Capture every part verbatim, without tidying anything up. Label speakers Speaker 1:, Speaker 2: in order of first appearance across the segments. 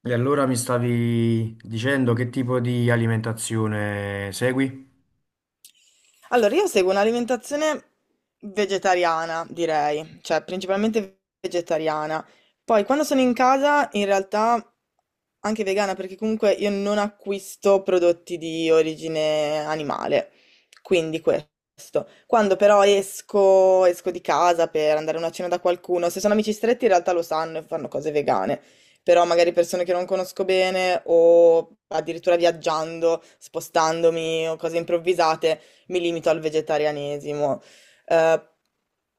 Speaker 1: E allora mi stavi dicendo che tipo di alimentazione segui?
Speaker 2: Allora, io seguo un'alimentazione vegetariana, direi, cioè principalmente vegetariana. Poi quando sono in casa, in realtà anche vegana, perché comunque io non acquisto prodotti di origine animale, quindi questo. Quando però esco, esco di casa per andare a una cena da qualcuno, se sono amici stretti in realtà lo sanno e fanno cose vegane, però magari persone che non conosco bene o addirittura viaggiando, spostandomi o cose improvvisate, mi limito al vegetarianesimo. Eh,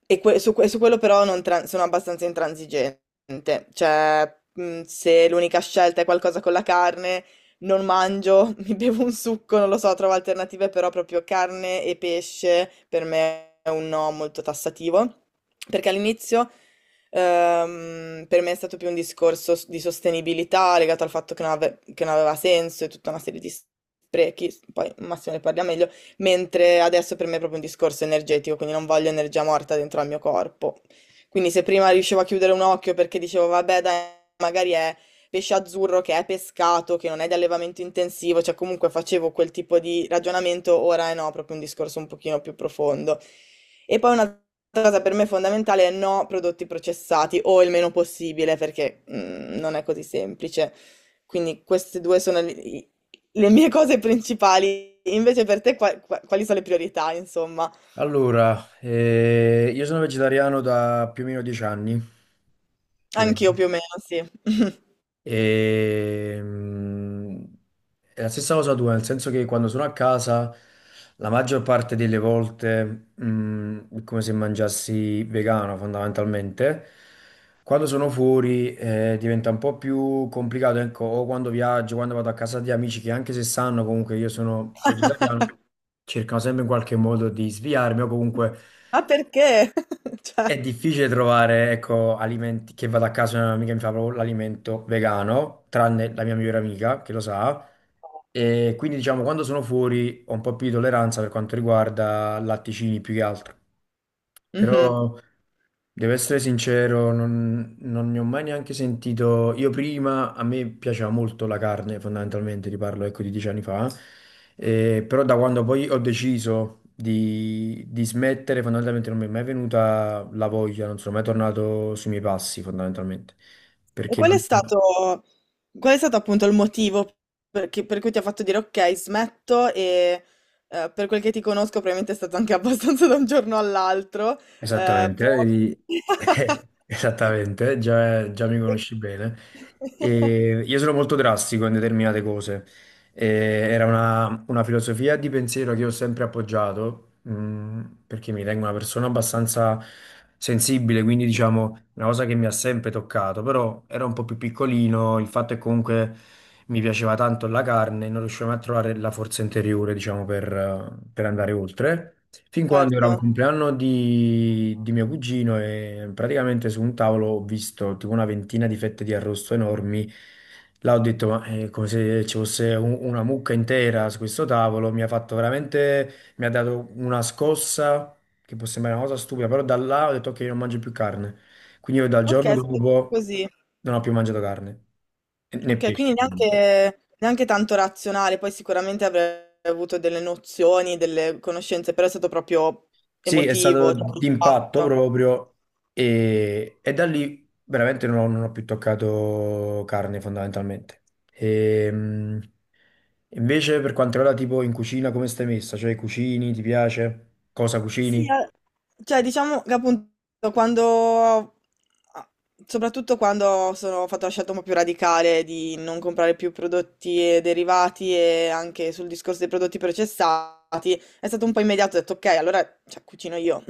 Speaker 2: e que- su, que- su quello però non tran- sono abbastanza intransigente. Niente, cioè, mh, se l'unica scelta è qualcosa con la carne, non mangio, mi bevo un succo, non lo so, trovo alternative, però proprio carne e pesce per me è un no molto tassativo, perché all'inizio ehm, per me è stato più un discorso s- di sostenibilità legato al fatto che non, ave- che non aveva senso e tutta una serie di sprechi, poi Massimo ne parla meglio, mentre adesso per me è proprio un discorso energetico, quindi non voglio energia morta dentro al mio corpo. Quindi se prima riuscivo a chiudere un occhio perché dicevo, vabbè, dai, magari è pesce azzurro che è pescato, che non è di allevamento intensivo, cioè comunque facevo quel tipo di ragionamento, ora è no, proprio un discorso un pochino più profondo. E poi un'altra cosa per me fondamentale è no prodotti processati o il meno possibile, perché mm, non è così semplice. Quindi queste due sono le, i- le mie cose principali. Invece per te qua- qua- quali sono le priorità, insomma?
Speaker 1: Allora, eh, io sono vegetariano da più o meno dieci anni, più o
Speaker 2: Anch'io
Speaker 1: meno.
Speaker 2: più o meno, sì.
Speaker 1: E, mm, è la stessa cosa tua, nel senso che quando sono a casa, la maggior parte delle volte, mm, è come se mangiassi vegano fondamentalmente. Quando sono fuori, eh, diventa un po' più complicato, ecco, o quando viaggio, quando vado a casa di amici che anche se sanno comunque che io sono vegetariano, cercano sempre in qualche modo di sviarmi o comunque
Speaker 2: Ma perché? Cioè,
Speaker 1: è difficile trovare, ecco, alimenti che vado a casa, una mia amica mi fa proprio l'alimento vegano, tranne la mia migliore amica che lo sa. E quindi, diciamo, quando sono fuori ho un po' più di tolleranza per quanto riguarda latticini più che altro.
Speaker 2: mh-mh.
Speaker 1: Però devo essere sincero, non, non ne ho mai neanche sentito. Io prima a me piaceva molto la carne, fondamentalmente, ti parlo ecco di dieci anni fa. Eh, però da quando poi ho deciso di, di smettere, fondamentalmente non mi è mai venuta la voglia, non sono mai tornato sui miei passi, fondamentalmente.
Speaker 2: E
Speaker 1: Perché
Speaker 2: qual è
Speaker 1: non...
Speaker 2: stato, qual è stato appunto il motivo per che per cui ti ha fatto dire: "Okay, smetto", e, ehm, per quel che ti conosco probabilmente è stato anche abbastanza da un giorno all'altro, ehm,
Speaker 1: Esattamente,
Speaker 2: però
Speaker 1: eh, di- esattamente, già, già mi
Speaker 2: e
Speaker 1: conosci bene. E io sono molto drastico in determinate cose. E era una, una filosofia di pensiero che io ho sempre appoggiato, mh, perché mi ritengo una persona abbastanza sensibile, quindi diciamo una cosa che mi ha sempre toccato, però era un po' più piccolino, il fatto è che comunque mi piaceva tanto la carne, non riuscivo mai a trovare la forza interiore, diciamo, per, eh, per andare oltre. Fin quando era
Speaker 2: certo.
Speaker 1: un compleanno di, di mio cugino e praticamente su un tavolo ho visto tipo una ventina di fette di arrosto enormi. Là ho detto, ma è come se ci fosse un- una mucca intera su questo tavolo, mi ha fatto veramente, mi ha dato una scossa che può sembrare una cosa stupida, però da là ho detto ok, non mangio più carne. Quindi io dal giorno
Speaker 2: Okay, è stato
Speaker 1: dopo
Speaker 2: così.
Speaker 1: non ho più mangiato carne, né
Speaker 2: Okay,
Speaker 1: pesce.
Speaker 2: quindi
Speaker 1: Ovviamente.
Speaker 2: neanche neanche tanto razionale, poi sicuramente avrai avuto delle nozioni, delle conoscenze, però è stato proprio
Speaker 1: Sì, è stato
Speaker 2: emotivo, cioè
Speaker 1: d'impatto
Speaker 2: l'impatto.
Speaker 1: proprio e, e da lì veramente non ho, non ho più toccato carne fondamentalmente. Ehm Invece per quanto riguarda tipo in cucina, come stai messa? Cioè cucini, ti piace? Cosa cucini?
Speaker 2: Sì, a- cioè diciamo che appunto quando, soprattutto quando sono ho fatto la scelta un po' più radicale di non comprare più prodotti e derivati e anche sul discorso dei prodotti processati, è stato un po' immediato, ho detto ok, allora cioè, cucino io.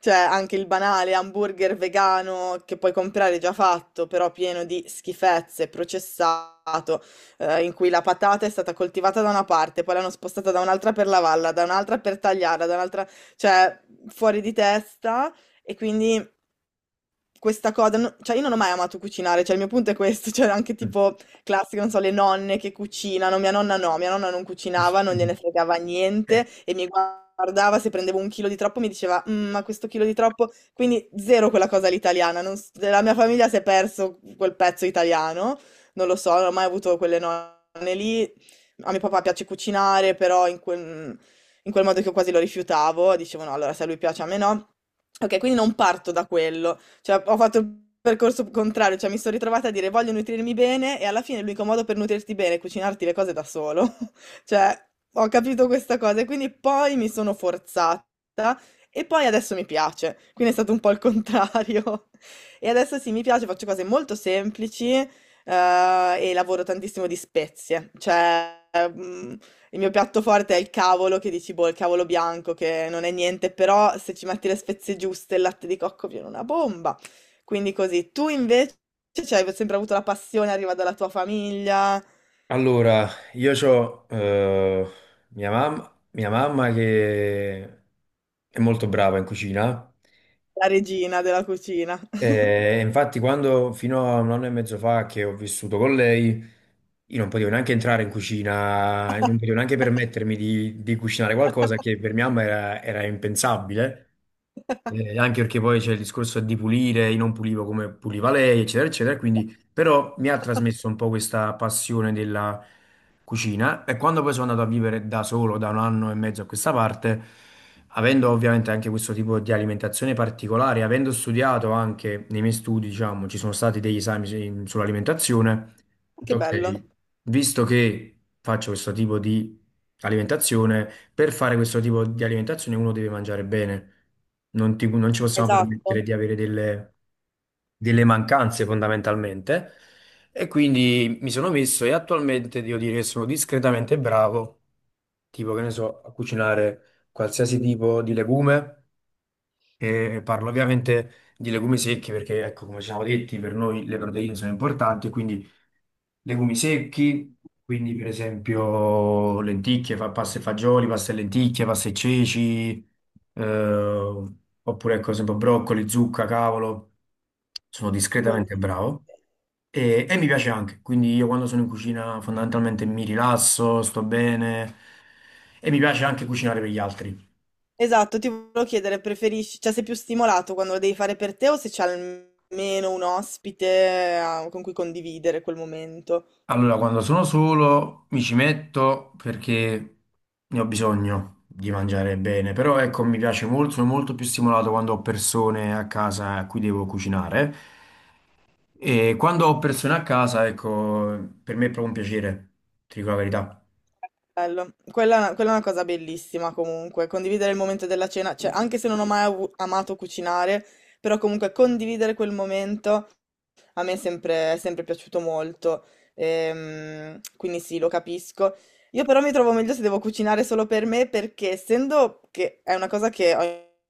Speaker 2: Cioè, anche il banale hamburger vegano che puoi comprare già fatto, però pieno di schifezze, processato, eh, in cui la patata è stata coltivata da una parte, poi l'hanno spostata da un'altra per lavarla, da un'altra per tagliarla, da un'altra, cioè, fuori di testa. E quindi questa cosa no, cioè io non ho mai amato cucinare, cioè il mio punto è questo, cioè anche
Speaker 1: Mm.
Speaker 2: tipo classico, non so, le nonne che cucinano, mia nonna no, mia nonna non cucinava, non gliene fregava niente e mi guardava se prendevo un chilo di troppo mi diceva: "Mhmm, ma questo chilo di troppo", quindi zero quella cosa all'italiana, non s della mia famiglia si è perso quel pezzo italiano, non lo so, non ho mai avuto quelle nonne lì. A mio papà piace cucinare, però in quel in quel modo che io quasi lo rifiutavo, dicevo: "No, allora se a lui piace a me no". Okay, quindi non parto da quello. Cioè, ho fatto il percorso contrario, cioè mi sono ritrovata a dire voglio nutrirmi bene e alla fine l'unico modo per nutrirti bene è cucinarti le cose da solo. Cioè, ho capito questa cosa e quindi poi mi sono forzata e poi adesso mi piace. Quindi è stato un po' il contrario. E adesso sì, mi piace, faccio cose molto semplici, eh, e lavoro tantissimo di spezie. Cioè, mm, il mio piatto forte è il cavolo, che dici, boh, il cavolo bianco, che non è niente, però se ci metti le spezie giuste, il latte di cocco viene una bomba. Quindi così. Tu invece cioè, hai sempre avuto la passione, arriva dalla tua famiglia,
Speaker 1: Allora, io ho mia mamma, mia mamma che è molto brava in cucina.
Speaker 2: la regina della cucina.
Speaker 1: eh, E infatti, quando fino a un anno e mezzo fa che ho vissuto con lei, io non potevo neanche entrare in cucina, non potevo neanche permettermi di, di cucinare qualcosa che per mia mamma era, era impensabile. Eh, anche perché poi c'è il discorso di pulire, io non pulivo come puliva lei, eccetera, eccetera, quindi però mi ha trasmesso un po' questa passione della cucina e quando poi sono andato a vivere da solo da un anno e mezzo a questa parte, avendo ovviamente anche questo tipo di alimentazione particolare, avendo studiato anche nei miei studi, diciamo, ci sono stati degli esami su- sull'alimentazione, ho detto,
Speaker 2: Che
Speaker 1: ok,
Speaker 2: bello.
Speaker 1: visto che faccio questo tipo di alimentazione, per fare questo tipo di alimentazione uno deve mangiare bene. Non, ti- non ci possiamo permettere
Speaker 2: Esatto.
Speaker 1: di avere delle, delle mancanze fondamentalmente e quindi mi sono messo e attualmente devo dire che sono discretamente bravo, tipo che ne so, a cucinare qualsiasi tipo di legume e parlo ovviamente di legumi secchi perché, ecco, come ci siamo detti, per noi le proteine sono importanti, quindi legumi secchi, quindi per esempio lenticchie, fa pasta e fagioli, pasta e lenticchie, pasta e ceci, eh, oppure ecco, ad esempio broccoli, zucca, cavolo, sono discretamente
Speaker 2: Buonissimo.
Speaker 1: bravo. E, e mi piace anche, quindi io quando sono in cucina fondamentalmente mi rilasso, sto bene e mi piace anche cucinare per gli altri.
Speaker 2: Esatto, ti volevo chiedere, preferisci, cioè sei più stimolato quando lo devi fare per te o se c'è almeno un ospite eh, con cui condividere quel momento?
Speaker 1: Allora, quando sono solo mi ci metto perché ne ho bisogno di mangiare bene, però ecco, mi piace molto, sono molto più stimolato quando ho persone a casa a cui devo cucinare e quando ho persone a casa, ecco, per me è proprio un piacere, ti dico la verità.
Speaker 2: Bello. Quella, è una quella è una cosa bellissima comunque, condividere il momento della cena, cioè anche se non ho mai avu- amato cucinare, però comunque condividere quel momento a me è sempre, è sempre piaciuto molto, ehm, quindi sì, lo capisco. Io però mi trovo meglio se devo cucinare solo per me perché essendo che è una cosa che ho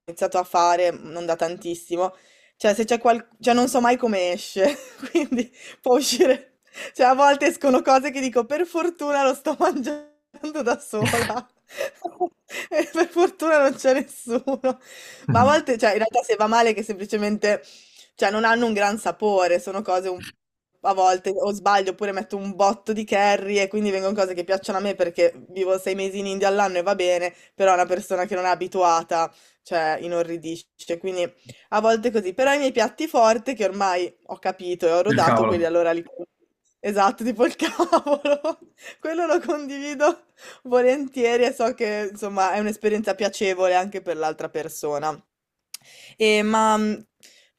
Speaker 2: iniziato a fare mm, non da tantissimo, cioè se c'è qual... cioè non so mai come esce, quindi può uscire, cioè a volte escono cose che dico per fortuna lo sto mangiando da sola. E per fortuna non c'è nessuno. Ma a volte, cioè, in realtà se va male che semplicemente cioè non hanno un gran sapore, sono cose un a volte o sbaglio oppure metto un botto di curry e quindi vengono cose che piacciono a me perché vivo sei mesi in India all'anno e va bene, però una persona che non è abituata, cioè, inorridisce. Quindi a volte così. Però i miei piatti forti che ormai ho capito e ho
Speaker 1: Il
Speaker 2: rodato,
Speaker 1: cavolo.
Speaker 2: quelli allora li... Esatto, tipo il cavolo. Quello lo condivido volentieri e so che, insomma, è un'esperienza piacevole anche per l'altra persona. E, ma mh,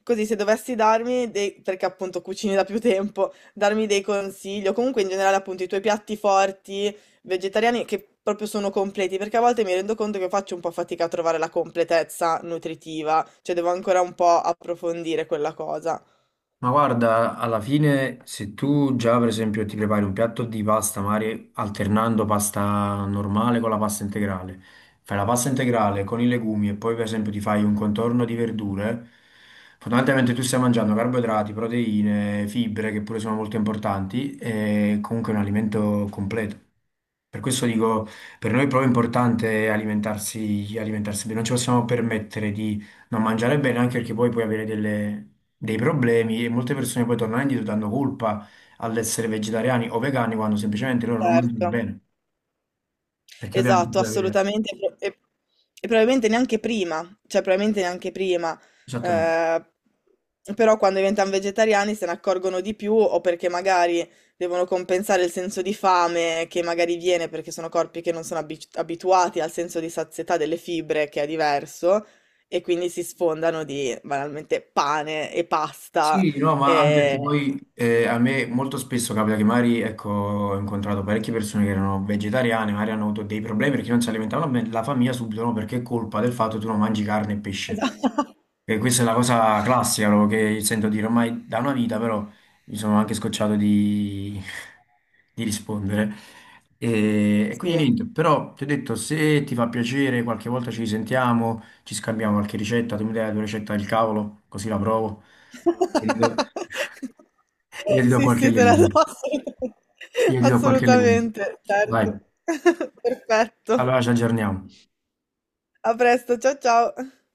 Speaker 2: così, se dovessi darmi dei, perché appunto cucini da più tempo, darmi dei consigli, o comunque in generale appunto i tuoi piatti forti, vegetariani, che proprio sono completi, perché a volte mi rendo conto che faccio un po' fatica a trovare la completezza nutritiva, cioè devo ancora un po' approfondire quella cosa.
Speaker 1: Ma guarda, alla fine se tu già per esempio ti prepari un piatto di pasta, magari alternando pasta normale con la pasta integrale, fai la pasta integrale con i legumi e poi per esempio ti fai un contorno di verdure, fondamentalmente tu stai mangiando carboidrati, proteine, fibre che pure sono molto importanti e comunque è un alimento completo. Per questo dico, per noi è proprio importante alimentarsi, alimentarsi bene, non ci possiamo permettere non mangiare bene anche perché poi puoi avere delle- dei problemi e molte persone poi tornano indietro dando colpa all'essere vegetariani o vegani quando semplicemente loro non mangiano
Speaker 2: Certo.
Speaker 1: bene. Perché ovviamente
Speaker 2: Esatto,
Speaker 1: puoi avere...
Speaker 2: assolutamente. E, pro- e- e probabilmente neanche prima, cioè probabilmente neanche prima.
Speaker 1: Esattamente.
Speaker 2: Eh, però quando diventano vegetariani se ne accorgono di più o perché magari devono compensare il senso di fame che magari viene perché sono corpi che non sono abi- abituati al senso di sazietà delle fibre che è diverso e quindi si sfondano di banalmente pane e pasta.
Speaker 1: Sì, no, ma anche
Speaker 2: E...
Speaker 1: perché poi eh, a me molto spesso capita che magari, ecco, ho incontrato parecchie persone che erano vegetariane, magari hanno avuto dei problemi perché non si alimentavano bene, la famiglia subito, no, perché è colpa del fatto che tu non mangi carne e pesce. E questa è la cosa classica proprio che sento dire ormai da una vita, però mi sono anche scocciato di, di rispondere. E, e quindi
Speaker 2: Sì.
Speaker 1: niente, però ti ho detto, se ti fa piacere, qualche volta ci risentiamo, ci scambiamo qualche ricetta, tu mi dai la tua ricetta del cavolo, così la provo. E io ti do- e io ti do
Speaker 2: Sì,
Speaker 1: qualche
Speaker 2: sì, te la do
Speaker 1: legume.
Speaker 2: assolutamente,
Speaker 1: Io ti do qualche legume.
Speaker 2: assolutamente,
Speaker 1: Vai,
Speaker 2: certo. Perfetto.
Speaker 1: allora ci aggiorniamo.
Speaker 2: A presto, ciao ciao.